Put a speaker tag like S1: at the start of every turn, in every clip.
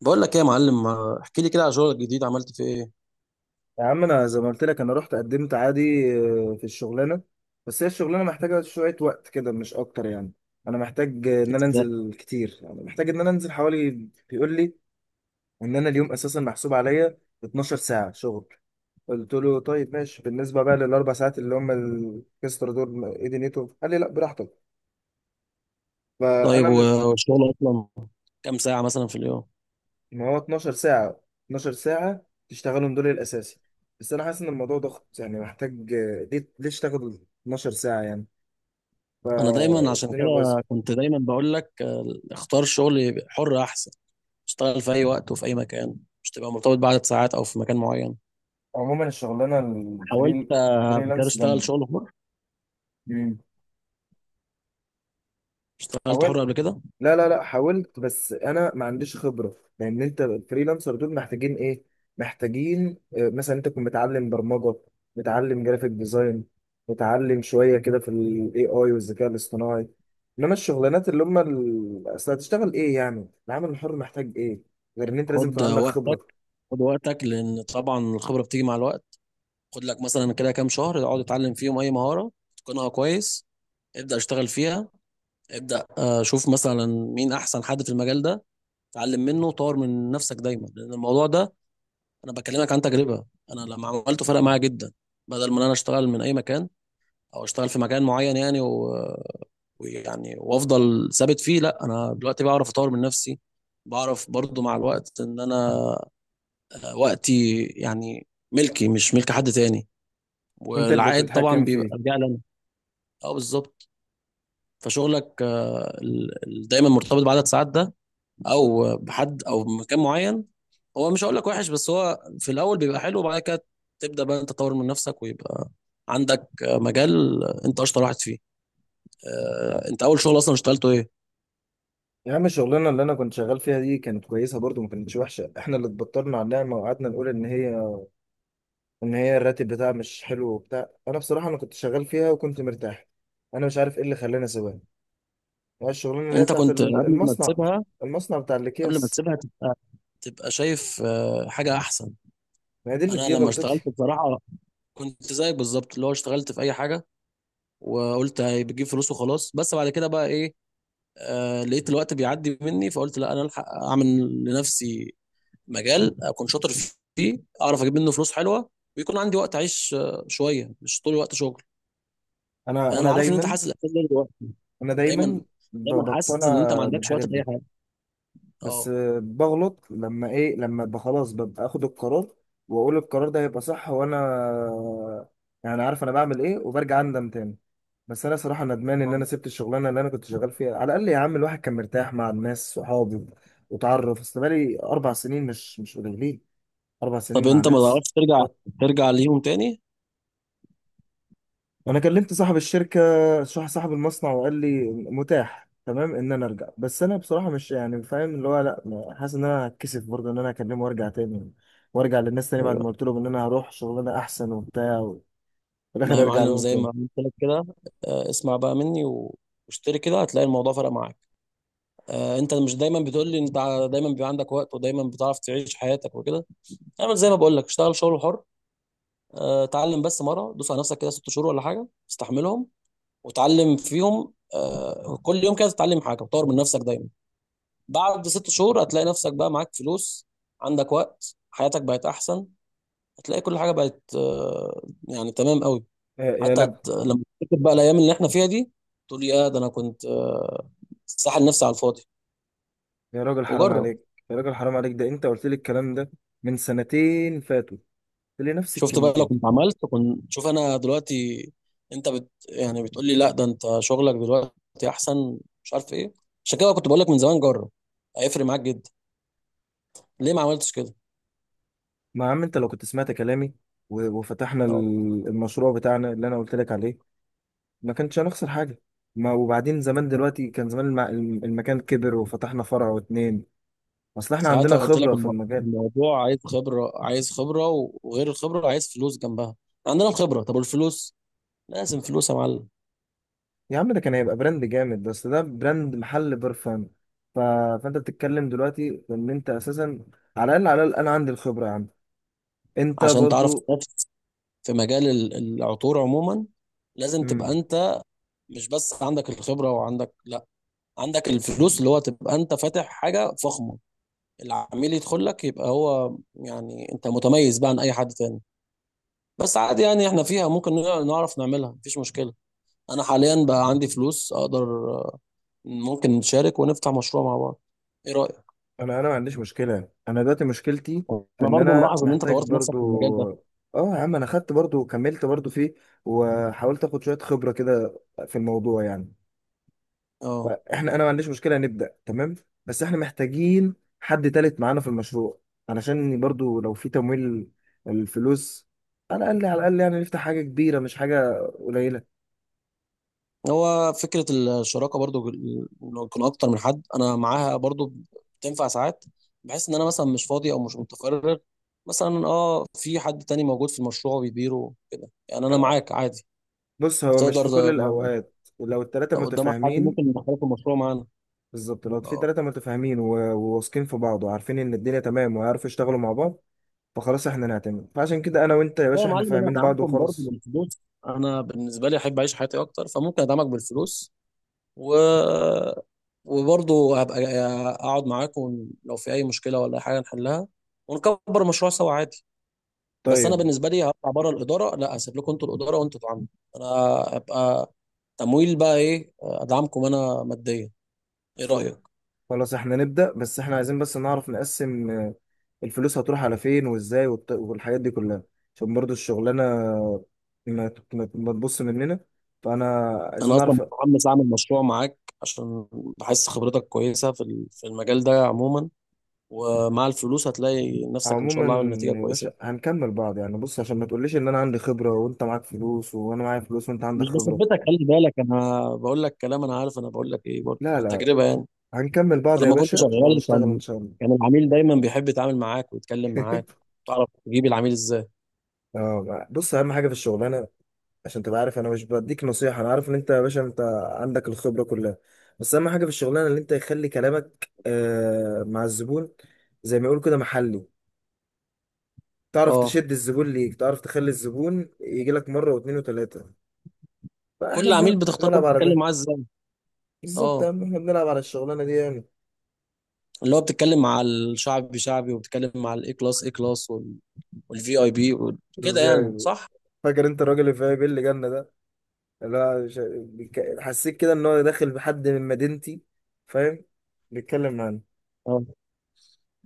S1: بقول لك ايه يا معلم؟ ما احكي لي كده على شغلك الجديد، عملت فيه ايه؟
S2: يا عم انا زي ما قلت لك انا رحت قدمت عادي. في الشغلانه. بس هي الشغلانه محتاجه شويه وقت كده، مش اكتر يعني. انا محتاج ان انا
S1: إزاي؟
S2: انزل كتير، يعني محتاج ان انا انزل حوالي. بيقول لي ان انا اليوم اساسا محسوب عليا 12 ساعه شغل. قلت له طيب ماشي، بالنسبه بقى لل4 ساعات اللي هم الاكسترا دول، ايه دنيتهم؟ قال لي لا براحتك.
S1: طيب
S2: فانا م-
S1: والشغل اصلا كام ساعة مثلا في اليوم؟
S2: ما هو 12 ساعه، 12 ساعه تشتغلهم دول الاساسي. بس انا حاسس ان الموضوع ضغط، يعني محتاج، ليه اشتغل 12 ساعه يعني؟
S1: انا دايما عشان
S2: فالدنيا
S1: كده
S2: بايظه.
S1: كنت دايما بقول لك، اختار شغل حر احسن. اشتغل في اي وقت وفي اي مكان، مش تبقى مرتبط بعدد ساعات او في مكان معين.
S2: عموما الشغلانه
S1: حاولت قبل كده
S2: فريلانس
S1: اشتغل
S2: جامده.
S1: شغل حر.
S2: مم.
S1: اشتغلت حر
S2: حاولت.
S1: قبل كده.
S2: لا لا لا، حاولت بس انا ما عنديش خبره، لان انت الفريلانسر دول محتاجين ايه؟ محتاجين، مثلا انت تكون متعلم برمجه، متعلم جرافيك ديزاين، متعلم شويه كده في الاي اي والذكاء الاصطناعي. انما الشغلانات اللي هم اصل هتشتغل ايه يعني؟ العمل الحر محتاج ايه، غير ان انت لازم يكون
S1: خد
S2: عندك خبره.
S1: وقتك. خد وقتك لان طبعا الخبرة بتيجي مع الوقت. خد لك مثلا كده كام شهر، اقعد اتعلم فيهم اي مهارة تكونها كويس. ابدأ اشتغل فيها. ابدأ شوف مثلا مين احسن حد في المجال ده. اتعلم منه وطور من نفسك دايما، لان الموضوع ده، انا بكلمك عن تجربة. انا لما عملته فرق معايا جدا. بدل ما انا اشتغل من اي مكان، او اشتغل في مكان معين، يعني و... ويعني وافضل ثابت فيه، لا انا دلوقتي بعرف اطور من نفسي. بعرف برضو مع الوقت ان انا وقتي يعني ملكي مش ملك حد تاني،
S2: انت اللي
S1: والعائد طبعا
S2: تتحكم
S1: بيبقى
S2: فيه.
S1: راجع لي انا. اه بالظبط. فشغلك دايما مرتبط بعدد ساعات ده، او بحد او مكان معين، هو مش هقول لك وحش، بس هو في الاول بيبقى حلو، وبعد كده تبدا بقى انت تطور من نفسك ويبقى عندك مجال انت اشطر واحد فيه. انت اول شغل اصلا اشتغلته ايه؟
S2: يا عم الشغلانة اللي أنا كنت شغال فيها دي كانت كويسة برضو، ما كانتش وحشة. إحنا اللي اتبطرنا على النعمة وقعدنا نقول إن هي الراتب بتاعها مش حلو وبتاع. أنا بصراحة أنا كنت شغال فيها وكنت مرتاح. أنا مش عارف إيه اللي خلاني أسيبها. هي الشغلانة اللي هي
S1: انت
S2: بتاعت
S1: كنت قبل ما
S2: المصنع،
S1: تسيبها،
S2: المصنع بتاع
S1: قبل ما
S2: الأكياس.
S1: تسيبها تبقى شايف حاجه احسن.
S2: ما هي دي
S1: انا
S2: دي
S1: لما اشتغلت
S2: غلطتي.
S1: بصراحه كنت زيك بالظبط، اللي هو اشتغلت في اي حاجه وقلت هي بتجيب فلوس وخلاص. بس بعد كده بقى ايه، آه لقيت الوقت بيعدي مني فقلت لا، انا الحق اعمل لنفسي مجال اكون شاطر فيه، اعرف اجيب منه فلوس حلوه، ويكون عندي وقت اعيش شويه مش طول الوقت شغل.
S2: أنا
S1: يعني انا
S2: أنا
S1: عارف ان انت
S2: دايما
S1: حاسس الاحساس ده دلوقتي.
S2: أنا
S1: دايما،
S2: دايما
S1: دايما حاسس ان انت ما
S2: بقتنع
S1: عندكش
S2: بالحاجات
S1: وقت لاي
S2: دي.
S1: حاجه.
S2: بس
S1: اه.
S2: بغلط لما ابقى خلاص ببقى اخد القرار، واقول القرار ده هيبقى صح، وانا يعني عارف انا بعمل ايه، وبرجع اندم تاني. بس انا صراحه ندمان ان
S1: آه.
S2: انا سبت الشغلانه اللي انا كنت شغال فيها، على الاقل يا عم الواحد كان مرتاح مع الناس صحابي. وتعرف اصل بقالي 4 سنين، مش قليلين. اربع
S1: طب
S2: سنين مع
S1: انت ما
S2: ناس.
S1: تعرفش ترجع، ترجع ليهم تاني؟
S2: انا كلمت صاحب الشركه، صاحب المصنع، وقال لي متاح تمام ان انا ارجع. بس انا بصراحه مش يعني فاهم اللي هو لا، حاسس ان انا هتكسف برضه ان انا اكلمه وارجع تاني، وارجع للناس تاني بعد
S1: ايوه.
S2: ما قلت لهم ان انا هروح شغلانه احسن وبتاع، وفي
S1: لا
S2: الاخر
S1: يا
S2: ارجع
S1: معلم،
S2: لهم
S1: زي
S2: تاني.
S1: ما قلت لك كده، اسمع بقى مني واشتري كده، هتلاقي الموضوع فرق معاك. انت مش دايما بتقول لي انت دايما بيبقى عندك وقت ودايما بتعرف تعيش حياتك وكده؟ اعمل زي ما بقول لك، اشتغل شغل حر. اتعلم بس مره، دوس على نفسك كده 6 شهور ولا حاجه استحملهم، وتعلم فيهم كل يوم كده تتعلم حاجه وتطور من نفسك دايما. بعد 6 شهور هتلاقي نفسك بقى معاك فلوس، عندك وقت، حياتك بقت احسن. هتلاقي كل حاجه بقت يعني تمام قوي.
S2: يا
S1: حتى
S2: لب.
S1: لما تفتكر بقى الايام اللي احنا فيها دي، تقول يا ده انا كنت ساحل نفسي على الفاضي.
S2: يا راجل حرام
S1: وجرب.
S2: عليك، يا راجل حرام عليك، ده انت قلت لي الكلام ده من سنتين فاتوا. قلت لي نفس
S1: شفت بقى؟ لو كنت
S2: الكلمتين.
S1: عملت، كنت شوف انا دلوقتي. انت يعني بتقول لي لا ده انت شغلك دلوقتي احسن، مش عارف ايه. عشان كده كنت بقول لك من زمان جرب، هيفرق معاك جدا. ليه ما عملتش كده؟
S2: ما يا عم انت لو كنت سمعت كلامي وفتحنا
S1: آه.
S2: المشروع بتاعنا اللي انا قلت لك عليه، ما كانش هنخسر حاجة. ما وبعدين زمان دلوقتي كان زمان المكان كبر وفتحنا فرع واتنين، اصل احنا عندنا
S1: ساعتها قلت لك
S2: خبرة في المجال.
S1: الموضوع عايز خبرة، عايز خبرة وغير الخبرة عايز فلوس جنبها. عندنا الخبرة، طب والفلوس؟ لازم فلوس يا معلم.
S2: يا عم ده كان هيبقى براند جامد، بس ده براند محل برفان. ف... فانت بتتكلم دلوقتي في ان انت اساسا، على الاقل على الاقل انا عندي الخبرة يا عم، انت
S1: عشان تعرف
S2: برضو.
S1: تنافس في مجال العطور عموما، لازم تبقى
S2: مم.
S1: انت مش بس عندك الخبرة وعندك لا، عندك الفلوس، اللي هو تبقى انت فاتح حاجة فخمة. العميل يدخل لك يبقى هو يعني انت متميز بقى عن اي حد تاني. بس عادي يعني، احنا فيها ممكن نعرف نعملها، مفيش مشكلة. انا حاليا بقى عندي فلوس، اقدر، ممكن نشارك ونفتح مشروع مع بعض. ايه رأيك؟
S2: انا ما عنديش مشكلة. انا دلوقتي مشكلتي في
S1: انا
S2: ان
S1: برضو
S2: انا
S1: ملاحظ ان انت
S2: محتاج
S1: طورت نفسك
S2: برضو.
S1: في المجال ده.
S2: اه يا عم انا خدت برضو، وكملت برضو فيه، وحاولت اخد شوية خبرة كده في الموضوع يعني.
S1: اه.
S2: انا ما عنديش مشكله، نبدا تمام. بس احنا محتاجين حد تالت معانا في المشروع، علشان برضو لو في تمويل الفلوس، على الاقل على الاقل يعني نفتح حاجه كبيره مش حاجه قليله.
S1: هو فكرة الشراكة برضو، لو يكون اكتر من حد انا معاها برضو، بتنفع ساعات. بحس ان انا مثلا مش فاضي او مش متفرغ، مثلا اه في حد تاني موجود في المشروع وبيديره كده، يعني انا معاك عادي.
S2: بص هو مش
S1: تقدر،
S2: في كل الاوقات، لو التلاته
S1: لو قدامك حد
S2: متفاهمين.
S1: ممكن يدخلك في المشروع معانا.
S2: بالظبط، لو في
S1: اه.
S2: تلاته متفاهمين وواثقين في بعض، وعارفين ان الدنيا تمام، ويعرفوا يشتغلوا مع بعض، فخلاص احنا نعتمد. فعشان كده انا وانت يا
S1: لا يا
S2: باشا احنا
S1: معلم، انا
S2: فاهمين بعض
S1: دعمكم برضو
S2: وخلاص.
S1: بالفلوس، انا بالنسبة لي احب اعيش حياتي اكتر، فممكن ادعمك بالفلوس، و، وبرضه هبقى اقعد معاكم لو في اي مشكله ولا أي حاجه نحلها، ونكبر المشروع سوا عادي. بس انا
S2: طيب،
S1: بالنسبه لي هطلع بره الاداره، لا اسيب لكم انتوا الاداره وانتوا اتعاملوا. انا هبقى تمويل بقى، ايه، ادعمكم انا ماديا. ايه رايك؟
S2: خلاص احنا نبدا، بس احنا عايزين بس نعرف نقسم الفلوس هتروح على فين وازاي، والحاجات دي كلها، عشان برضو الشغلانه ما تبص مننا، فانا عايزين
S1: انا اصلا
S2: نعرف.
S1: متحمس اعمل مشروع معاك، عشان بحس خبرتك كويسه في في المجال ده عموما، ومع الفلوس هتلاقي نفسك ان شاء
S2: عموما
S1: الله عامل نتيجه
S2: يا
S1: كويسه.
S2: باشا هنكمل بعض يعني، بص عشان ما تقوليش ان انا عندي خبره وانت معاك فلوس وانا معايا فلوس وانت عندك
S1: مش
S2: خبره.
S1: بثبتك، خلي بالك انا بقول لك كلام انا عارف، انا بقول لك ايه برضه
S2: لا لا
S1: عن
S2: لا.
S1: تجربه يعني.
S2: هنكمل بعض يا
S1: لما كنت
S2: باشا
S1: شغال
S2: وهنشتغل ان
S1: كان
S2: شاء الله.
S1: كان العميل دايما بيحب يتعامل معاك ويتكلم معاك. تعرف تجيب العميل ازاي؟
S2: اه، بص اهم حاجه في الشغلانه عشان تبقى عارف، انا مش بديك نصيحة، انا عارف ان انت يا باشا انت عندك الخبرة كلها. بس اهم حاجة في الشغلانة ان انت يخلي كلامك مع الزبون زي ما يقولوا كده محلي. تعرف
S1: اه.
S2: تشد الزبون ليك، تعرف تخلي الزبون يجي لك مرة واثنين وثلاثة. فاحنا
S1: كل عميل
S2: بنلعب
S1: بتختار
S2: بنلعب
S1: برضه
S2: على
S1: تتكلم
S2: ده.
S1: معاه ازاي.
S2: بالظبط يا
S1: اه.
S2: عم احنا بنلعب على الشغلانة دي يعني
S1: اللي هو بتتكلم مع الشعبي شعبي، وبتتكلم مع الاي كلاس اي كلاس، والفي اي بي، كده يعني،
S2: يعني
S1: صح؟
S2: فاكر انت الراجل اللي في اي بي اللي جالنا ده، اللي هو حسيت كده ان هو داخل بحد من مدينتي، فاهم، بيتكلم معانا.
S1: اه.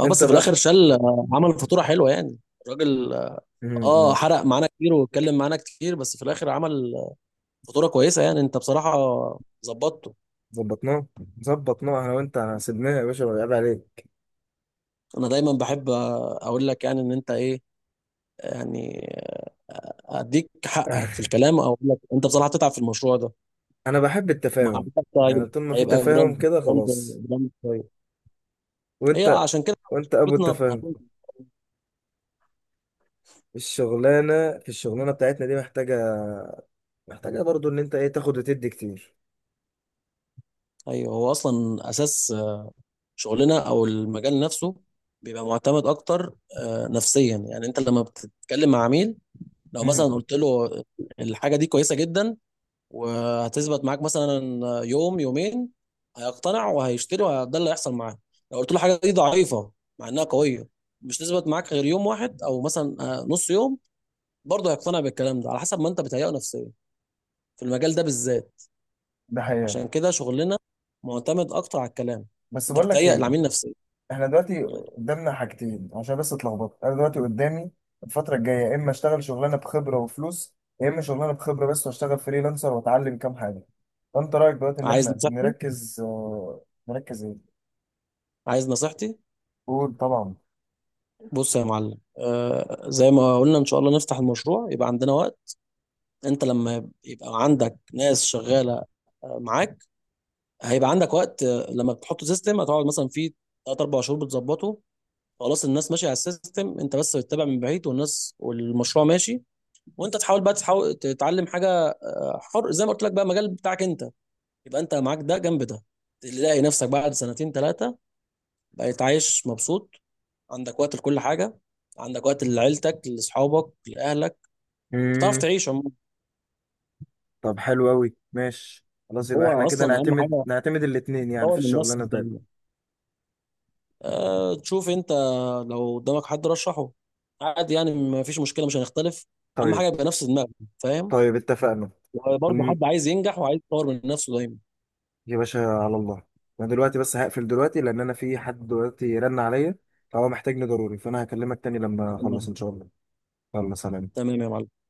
S1: اه
S2: انت
S1: بس في الاخر
S2: بقى.
S1: شال، عمل فاتوره حلوه يعني. الراجل اه. حرق معانا كتير واتكلم معانا كتير، بس في الاخر عمل فاتوره كويسه. يعني انت بصراحه ظبطته.
S2: ظبطناه، ظبطناه انا وانت، سيبناه يا باشا، ولا عيب عليك.
S1: انا دايما بحب اقول لك يعني ان انت ايه يعني، اديك حقك في الكلام، او اقول لك انت بصراحه هتتعب في المشروع ده.
S2: انا بحب
S1: ومع
S2: التفاهم
S1: الوقت
S2: يعني،
S1: طيب،
S2: طول ما في
S1: هيبقى
S2: تفاهم
S1: براند،
S2: كده
S1: براند،
S2: خلاص.
S1: براند طيب. هي
S2: وانت
S1: عشان كده
S2: وانت ابو
S1: شركتنا
S2: التفاهم. في الشغلانه بتاعتنا دي محتاجه برضو ان انت ايه تاخد وتدي كتير.
S1: ايوه، هو اصلا اساس شغلنا او المجال نفسه بيبقى معتمد اكتر نفسيا. يعني انت لما بتتكلم مع عميل لو
S2: مم.
S1: مثلا قلت له الحاجه دي كويسه جدا، وهتثبت معاك مثلا يوم يومين، هيقتنع وهيشتري وده اللي هيحصل معاه. لو قلت له حاجه دي ضعيفه مع انها قويه، مش تثبت معاك غير يوم واحد او مثلا نص يوم، برضه هيقتنع بالكلام ده على حسب ما انت بتهيئه نفسيا في المجال ده بالذات.
S2: ده حقيقة.
S1: عشان كده شغلنا معتمد اكتر على الكلام.
S2: بس
S1: انت
S2: بقول لك
S1: بتهيئ
S2: ايه،
S1: العميل نفسيا.
S2: احنا دلوقتي
S1: قول لي.
S2: قدامنا حاجتين، عشان بس اتلخبطت انا دلوقتي
S1: مم.
S2: قدامي الفترة الجاية، يا اما اشتغل شغلانة بخبرة وفلوس، يا اما شغلانة بخبرة بس واشتغل فريلانسر واتعلم كام حاجة. فانت رأيك دلوقتي ان
S1: عايز
S2: احنا
S1: نصيحتي؟
S2: نركز، نركز ايه؟
S1: عايز نصيحتي؟
S2: قول طبعا.
S1: بص يا معلم، آه زي ما قلنا ان شاء الله نفتح المشروع، يبقى عندنا وقت. انت لما يبقى عندك ناس شغاله معاك، هيبقى عندك وقت. لما بتحط سيستم هتقعد مثلا فيه 3 4 شهور بتظبطه. خلاص الناس ماشيه على السيستم، انت بس بتتابع من بعيد، والناس والمشروع ماشي. وانت تحاول بقى، تحاول تتعلم حاجه حر، زي ما قلت لك بقى، مجال بتاعك انت، يبقى انت معاك ده جنب ده. تلاقي نفسك بعد سنتين ثلاثه بقيت عايش مبسوط، عندك وقت لكل حاجه، عندك وقت لعيلتك لاصحابك لاهلك، بتعرف
S2: امم.
S1: تعيش عموما.
S2: طب حلو قوي، ماشي، خلاص يبقى احنا
S1: هو
S2: كده
S1: اصلا اهم
S2: نعتمد
S1: حاجه
S2: نعتمد الاتنين يعني
S1: تطور
S2: في
S1: من نفسك.
S2: الشغلانه بتاعتنا.
S1: أه تشوف انت لو قدامك حد رشحه، عادي يعني، ما فيش مشكله، مش هنختلف. اهم
S2: طيب.
S1: حاجه يبقى نفس دماغنا، فاهم.
S2: طيب اتفقنا.
S1: وبرضه حد عايز ينجح وعايز يطور من نفسه دايما.
S2: يا باشا على الله. انا دلوقتي بس هقفل دلوقتي لان انا في حد دلوقتي رن عليا، فهو محتاجني ضروري، فانا هكلمك تاني لما اخلص
S1: تمام.
S2: ان شاء الله. يلا سلام.
S1: تمام يا معلم.